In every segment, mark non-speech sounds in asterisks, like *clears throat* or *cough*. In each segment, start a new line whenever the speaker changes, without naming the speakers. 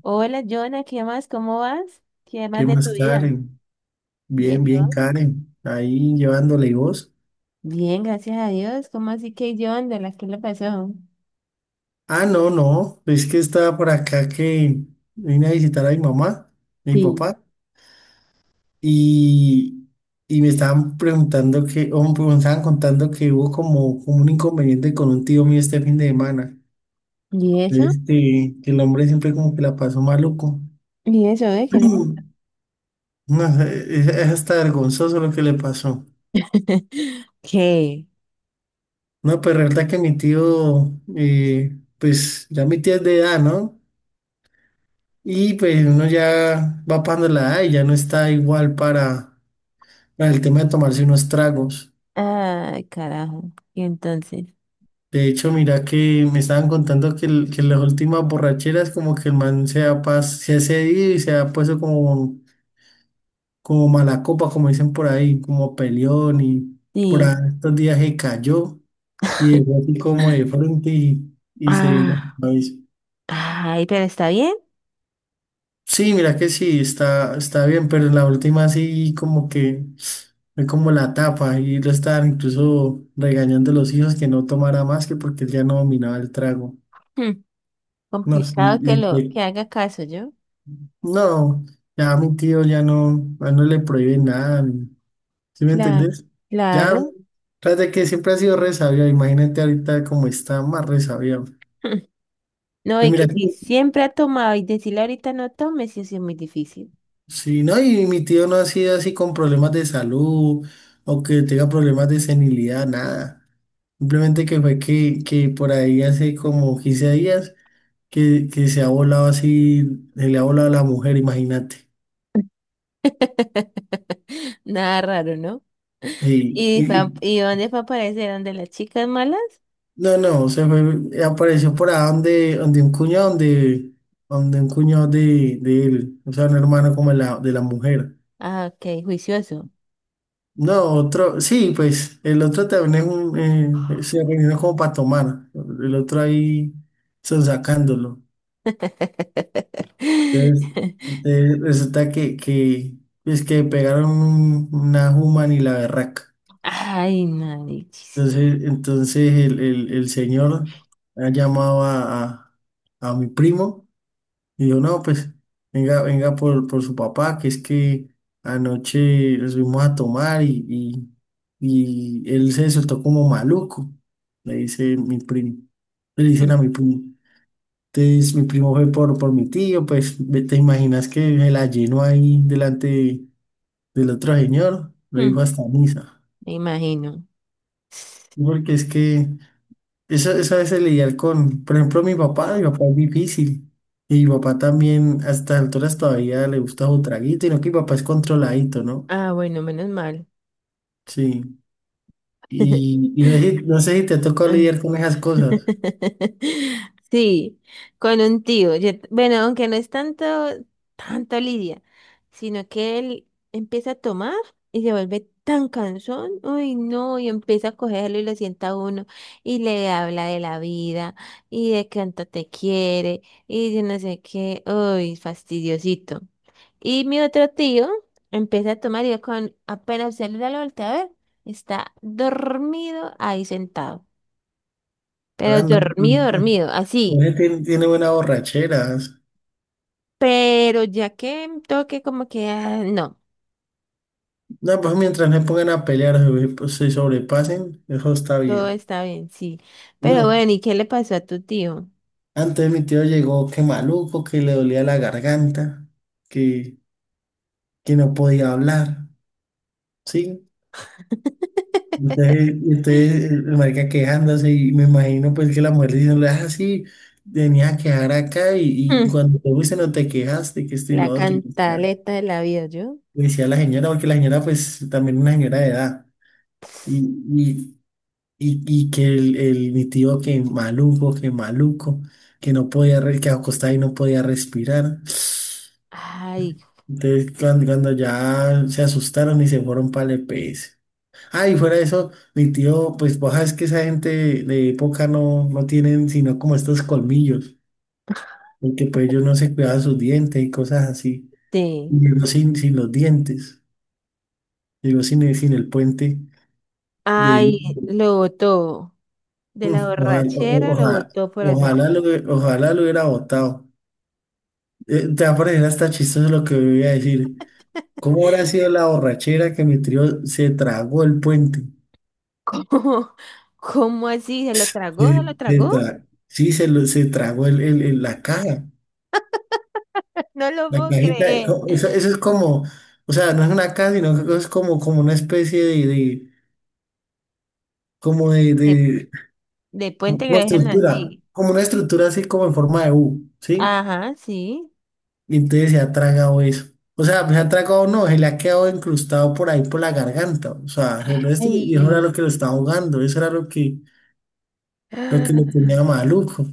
Hola, Jonah, ¿qué más? ¿Cómo vas? ¿Qué más
¿Qué
de
más,
tu vida?
Karen?
Bien,
Bien,
¿y
bien,
vos?
Karen. Ahí llevándole y vos.
Bien, gracias a Dios. ¿Cómo así que yo ando? ¿La que le pasó?
Ah, no, no. Es que estaba por acá que vine a visitar a mi mamá, a mi
Sí.
papá, y, y me estaban preguntando que, me estaban contando que hubo como un inconveniente con un tío mío este fin de semana.
¿Y eso?
Que el hombre siempre como que la pasó maluco.
¿Y eso, eh? ¿Qué le pasó?
*clears throat* No, es hasta vergonzoso lo que le pasó.
*laughs* ¿Qué?
No, pero la verdad que mi tío, pues ya mi tía es de edad, ¿no? Y pues uno ya va pasando la edad y ya no está igual para el tema de tomarse unos tragos.
Ay, carajo. ¿Y entonces?
De hecho, mira que me estaban contando que, que las últimas borracheras como que el man se ha cedido y se ha puesto como mala copa, como dicen por ahí, como peleón y por ahí
Sí.
estos días se cayó y dejó
*laughs*
así como de frente y se dio la
Ah,
cabeza.
ay, pero está bien.
Sí, mira que sí, está bien, pero en la última sí como que fue como la tapa y lo estaban incluso regañando a los hijos que no tomara más que porque él ya no dominaba el trago.
Hmm,
No, sí,
complicado que haga caso yo.
no, ya a mi tío ya no, a él no le prohíbe nada. ¿Sí me
Claro,
entendés? Ya,
claro.
tras de que siempre ha sido re sabio, imagínate ahorita cómo está más re sabio.
*laughs* Hmm. No,
Pues
y
mira,
que si siempre ha tomado y decirle ahorita no tome, sí, sí es muy difícil.
sí, no, y mi tío no ha sido así con problemas de salud o que tenga problemas de senilidad, nada. Simplemente que fue que, por ahí hace como 15 días que, se ha volado así, se le ha volado a la mujer, imagínate.
*laughs* Nada raro, ¿no?
Sí,
¿Y, y dónde fue a aparecer? ¿Dónde las chicas malas?
no, no, se fue, apareció por ahí donde, un cuñado, donde, un cuñado de él, o sea, un hermano como de la mujer.
Ah, ok, juicioso.
No, otro, sí, pues el otro también es un, se reunieron como para tomar, el otro ahí son sacándolo. Entonces,
*laughs*
entonces, resulta que, pues que pegaron una human y la berraca.
Ay, marichis.
Entonces, el, el señor ha llamado a, a mi primo y dijo, no, pues venga, venga por su papá, que es que anoche nos fuimos a tomar y él se soltó como maluco, le dice mi primo, le
Mm,
dicen a mi primo. Entonces, mi primo fue por mi tío, pues te imaginas que se la llenó ahí delante del otro señor,
*laughs*
lo dijo
mm,
hasta misa.
me imagino.
Porque es que eso a veces lidiar con, por ejemplo, mi papá es difícil. Y mi papá también a estas alturas todavía le gusta su traguito, y no que mi papá es controladito, ¿no?
Ah, bueno, menos mal.
Sí.
*laughs*
Y no sé, no sé si te tocó
*laughs*
lidiar con esas cosas.
*laughs* Sí, con un tío. Bueno, aunque no es tanto, tanto Lidia, sino que él empieza a tomar y se vuelve tan cansón. Uy, no, y empieza a cogerlo y lo sienta a uno y le habla de la vida y de cuánto te quiere y de no sé qué. Uy, fastidiosito. Y mi otro tío empieza a tomar y yo con apenas se le da la vuelta a ver, está dormido ahí sentado. Pero
Ah, no,
dormido,
pero-
dormido, así.
pero él tiene buenas borracheras.
Pero ya que toque como que, ah, no,
No, pues mientras no se pongan a pelear, se pues, se sobrepasen, eso está
todo
bien.
está bien, sí. Pero
No,
bueno, ¿y qué le pasó a tu tío?
antes mi tío llegó que maluco, que le dolía la garganta, que, que no podía hablar, ¿sí?
*laughs*
Entonces, el marica quejándose y me imagino pues que la mujer diciéndole, ah, sí, venía a quejar acá y
Mm,
cuando te fuiste no te quejaste, que esto y
la
lo otro. Y ya.
cantaleta de la vida, ¿yo?
Le decía a la señora, porque la señora pues también una señora de edad. y y que el mi tío que maluco, que maluco, que no podía, que acostaba y no podía respirar.
Ay,
Entonces cuando ya se asustaron y se fueron para el EPS. Ah, y fuera de eso, mi tío, pues vos sabes que esa gente de época no tienen sino como estos colmillos, porque pues ellos no se cuidaban sus dientes y cosas así.
sí.
Y llegó sin los dientes, llegó sin el puente de...
Ay, lo botó. De
Mm,
la
ojalá, o- o-
borrachera lo
ojalá,
botó por allá.
ojalá lo hubiera botado. Te va a parecer hasta chistoso lo que voy a decir. ¿Cómo habrá sido la borrachera que mi trío se tragó el puente?
*laughs* ¿Cómo? ¿Cómo así? ¿Se lo tragó? ¿Se
Se-
lo
se
tragó?
tra- sí, se tragó la caja,
No lo
la
puedo
cajita.
creer.
Eso es como, o sea, no es una caja, sino que es como una especie de como de,
De,
de-
de Puente
como
Grande
estructura,
allí.
como una estructura así como en forma de U, ¿sí?
Ajá, sí.
Y entonces se ha tragado eso. O sea, se ha tragado no, se le ha quedado incrustado por ahí por la garganta. O sea, y eso era lo
Ay.
que lo estaba ahogando, eso era lo que lo
Ah.
tenía maluco.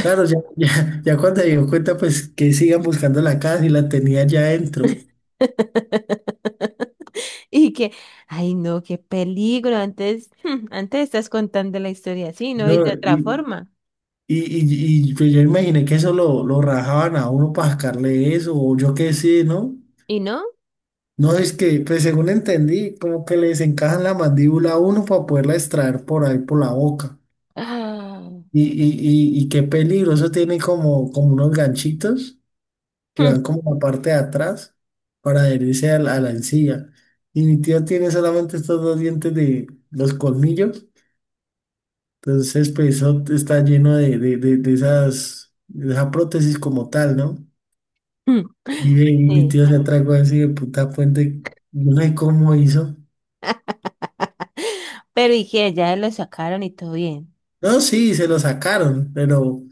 Claro, *laughs* ya cuando se dio cuenta, pues que sigan buscando la casa y la tenía ya adentro.
*laughs* Y que, ay no, qué peligro. Antes, *laughs* hmm, antes estás contando la historia así, ¿no? Y de
No,
otra forma.
pues yo imaginé que eso lo rajaban a uno para sacarle eso, o yo qué sé, ¿no?
¿Y no? *gasps* *laughs*
No, es que, pues según entendí, como que les encajan la mandíbula a uno para poderla extraer por ahí por la boca.
Ah.
Y qué peligroso, tiene como unos ganchitos que
Hmm,
van como la parte de atrás para adherirse a la encía. Y mi tío tiene solamente estos dos dientes de los colmillos, entonces pues eso está lleno de esa prótesis como tal, ¿no?
hmm.
Y mi
Sí.
tío se atragó así de puta puente, no sé cómo hizo.
Pero y que ya lo sacaron y todo bien.
No, sí, se lo sacaron, pero, o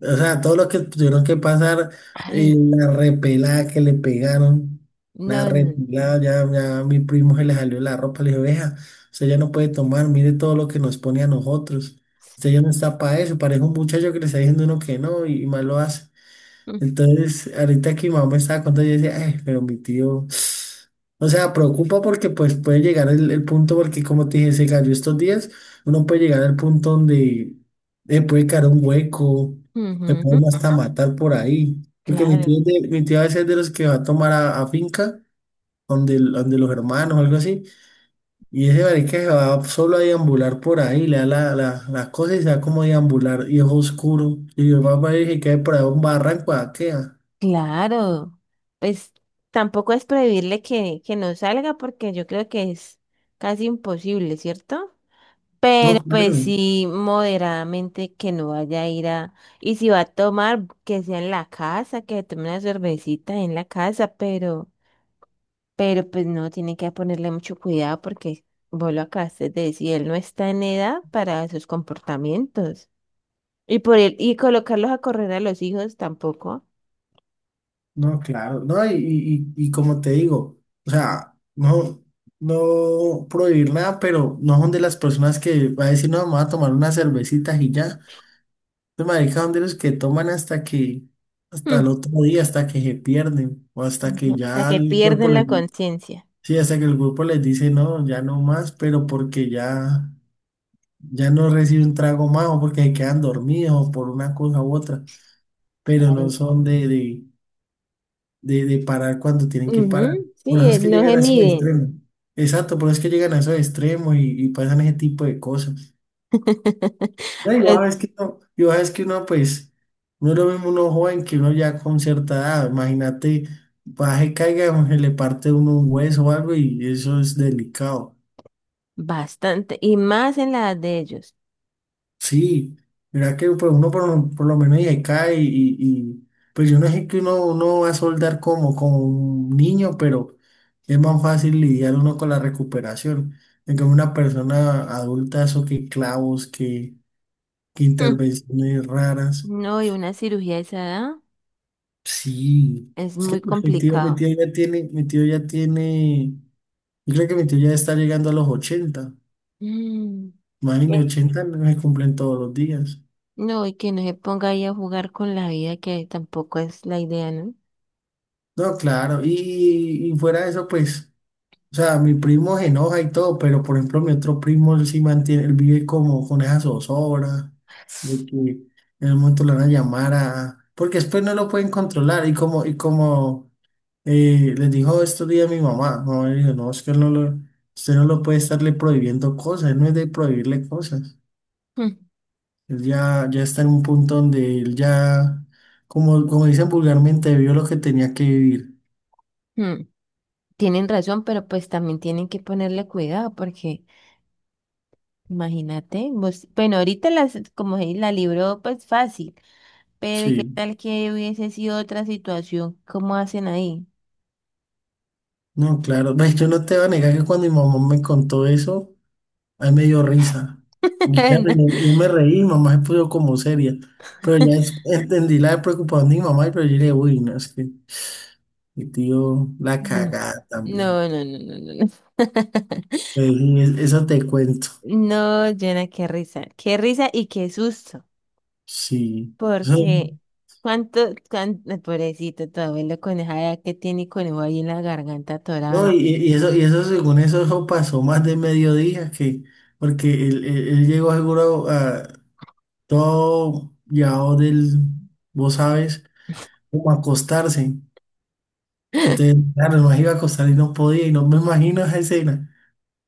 sea, todo lo que tuvieron que pasar,
Ay,
la repelada que le pegaron, la
no, no, no.
repelada, ya a mi primo se le salió la ropa, le dije, vea, usted ya no puede tomar, mire todo lo que nos pone a nosotros, usted ya no está para eso, parece un muchacho que le está diciendo uno que no y mal lo hace.
*laughs*
Entonces, ahorita que mi mamá me estaba contando, yo decía, ay, pero mi tío, o sea, preocupa porque pues puede llegar el punto, porque como te dije, se cayó estos días, uno puede llegar al punto donde le puede caer un hueco, le
Mm, ujú,
pueden hasta matar por ahí. Porque mi tío,
claro,
es de- mi tío a veces es de los que va a tomar a finca, donde, donde los hermanos o algo así, y ese marica se va solo a deambular por ahí, le da la, las cosas y se va como a deambular, y es oscuro, y yo papá dije que cae por ahí un barranco, ¿a qué?
claro. Pues tampoco es prohibirle que no salga porque yo creo que es casi imposible, ¿cierto? Pero
No, claro,
pues sí, moderadamente que no vaya a ir a... Y si va a tomar, que sea en la casa, que tome una cervecita en la casa, pero pues no, tiene que ponerle mucho cuidado porque vos lo acabaste de decir, él no está en edad para esos comportamientos. Y por él, y colocarlos a correr a los hijos tampoco.
no, claro, no, y como te digo, o sea, no, no prohibir nada, pero no son de las personas que va a decir, no, vamos a tomar unas cervecitas y ya. Los maricas son de los que toman hasta que, hasta
Hmm,
el otro día, hasta que se pierden, o hasta que
ujú, hasta
ya
que
el cuerpo
pierden la
les,
conciencia.
sí, hasta que el grupo les dice, no, ya no más, pero porque ya, ya no recibe un trago más, o porque se quedan dormidos, o por una cosa u otra, pero no
Ay,
son de parar cuando tienen que
ujú,
parar. Por
sí,
eso es que
no
llegan
se
a esos
miden.
extremos. Exacto, por eso es que llegan a esos extremos y pasan ese tipo de cosas.
*laughs*
No, y vos
Pero
sabes que no, y vos sabes que uno, pues, no es lo mismo uno joven que uno ya con cierta edad. Imagínate, baje, caiga, se le parte uno un hueso o algo y eso es delicado.
bastante, y más en la edad de ellos.
Sí, mira que pues, lo por lo menos ya cae y pues yo no sé que uno va a soldar como un niño, pero es más fácil lidiar uno con la recuperación. En cambio, una persona adulta, eso que clavos, que
Mm.
intervenciones raras.
No, y una cirugía de esa edad
Sí,
es muy
pues,
complicado.
mi tío ya tiene, yo creo que mi tío ya está llegando a los 80.
Mm, ¿qué?
Imagínate, 80 no se cumplen todos los días.
No, y que no se ponga ahí a jugar con la vida, que tampoco es la idea, ¿no?
No, claro, y fuera de eso, pues. O sea, mi primo se enoja y todo, pero por ejemplo, mi otro primo él sí mantiene, él vive como con esa zozobra de que en el momento le van a llamar a. Porque después no lo pueden controlar. Y como les dijo estos días mi mamá le dijo, no, es que él no lo, usted no lo puede estarle prohibiendo cosas, él no es de prohibirle cosas.
Mm,
Él ya está en un punto donde él ya, como dicen vulgarmente, vio lo que tenía que vivir.
mm. Tienen razón, pero pues también tienen que ponerle cuidado, porque imagínate, vos, bueno, ahorita las, la libró, pues fácil, pero ¿y qué
Sí.
tal que hubiese sido otra situación? ¿Cómo hacen ahí?
No, claro, pues yo no te voy a negar que cuando mi mamá me contó eso, ahí me dio risa. Y claro, yo,
*laughs*
yo me reí, mamá se puso como seria. Pero ya entendí la preocupación de mi mamá, pero yo le dije, uy, no, es que mi tío la
No,
cagada también.
no, no, no, no, no. No, *laughs*
Pues, eso te cuento.
no, Jonah, qué risa. Qué risa y qué susto.
Sí. Eso-
Porque cuánto, cuánto, pobrecito, tu abuelo con esa edad que tiene y conejo ahí en la garganta atorado. ¿No?
no, y eso, según eso, eso pasó más de mediodía, porque él llegó seguro a todo llevado del, vos sabes, como a acostarse. Entonces,
*laughs*
claro, nos iba a acostar y no podía, y no me imagino esa escena.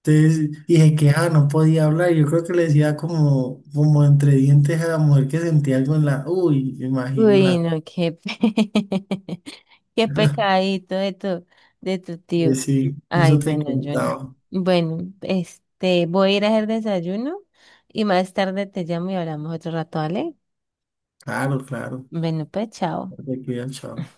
Entonces dije que no podía hablar. Yo creo que le decía como entre dientes a la mujer que sentía algo en la. Uy, me imagino
Uy,
la.
no, qué, *laughs* qué pecadito de tu tío.
Sí,
Ay,
eso te
bueno, Jonah.
contaba.
Bueno, voy a ir a hacer desayuno y más tarde te llamo y hablamos otro rato, ¿vale?
Claro, claro.
Bueno, pues, chao.
Te cuidas, chao.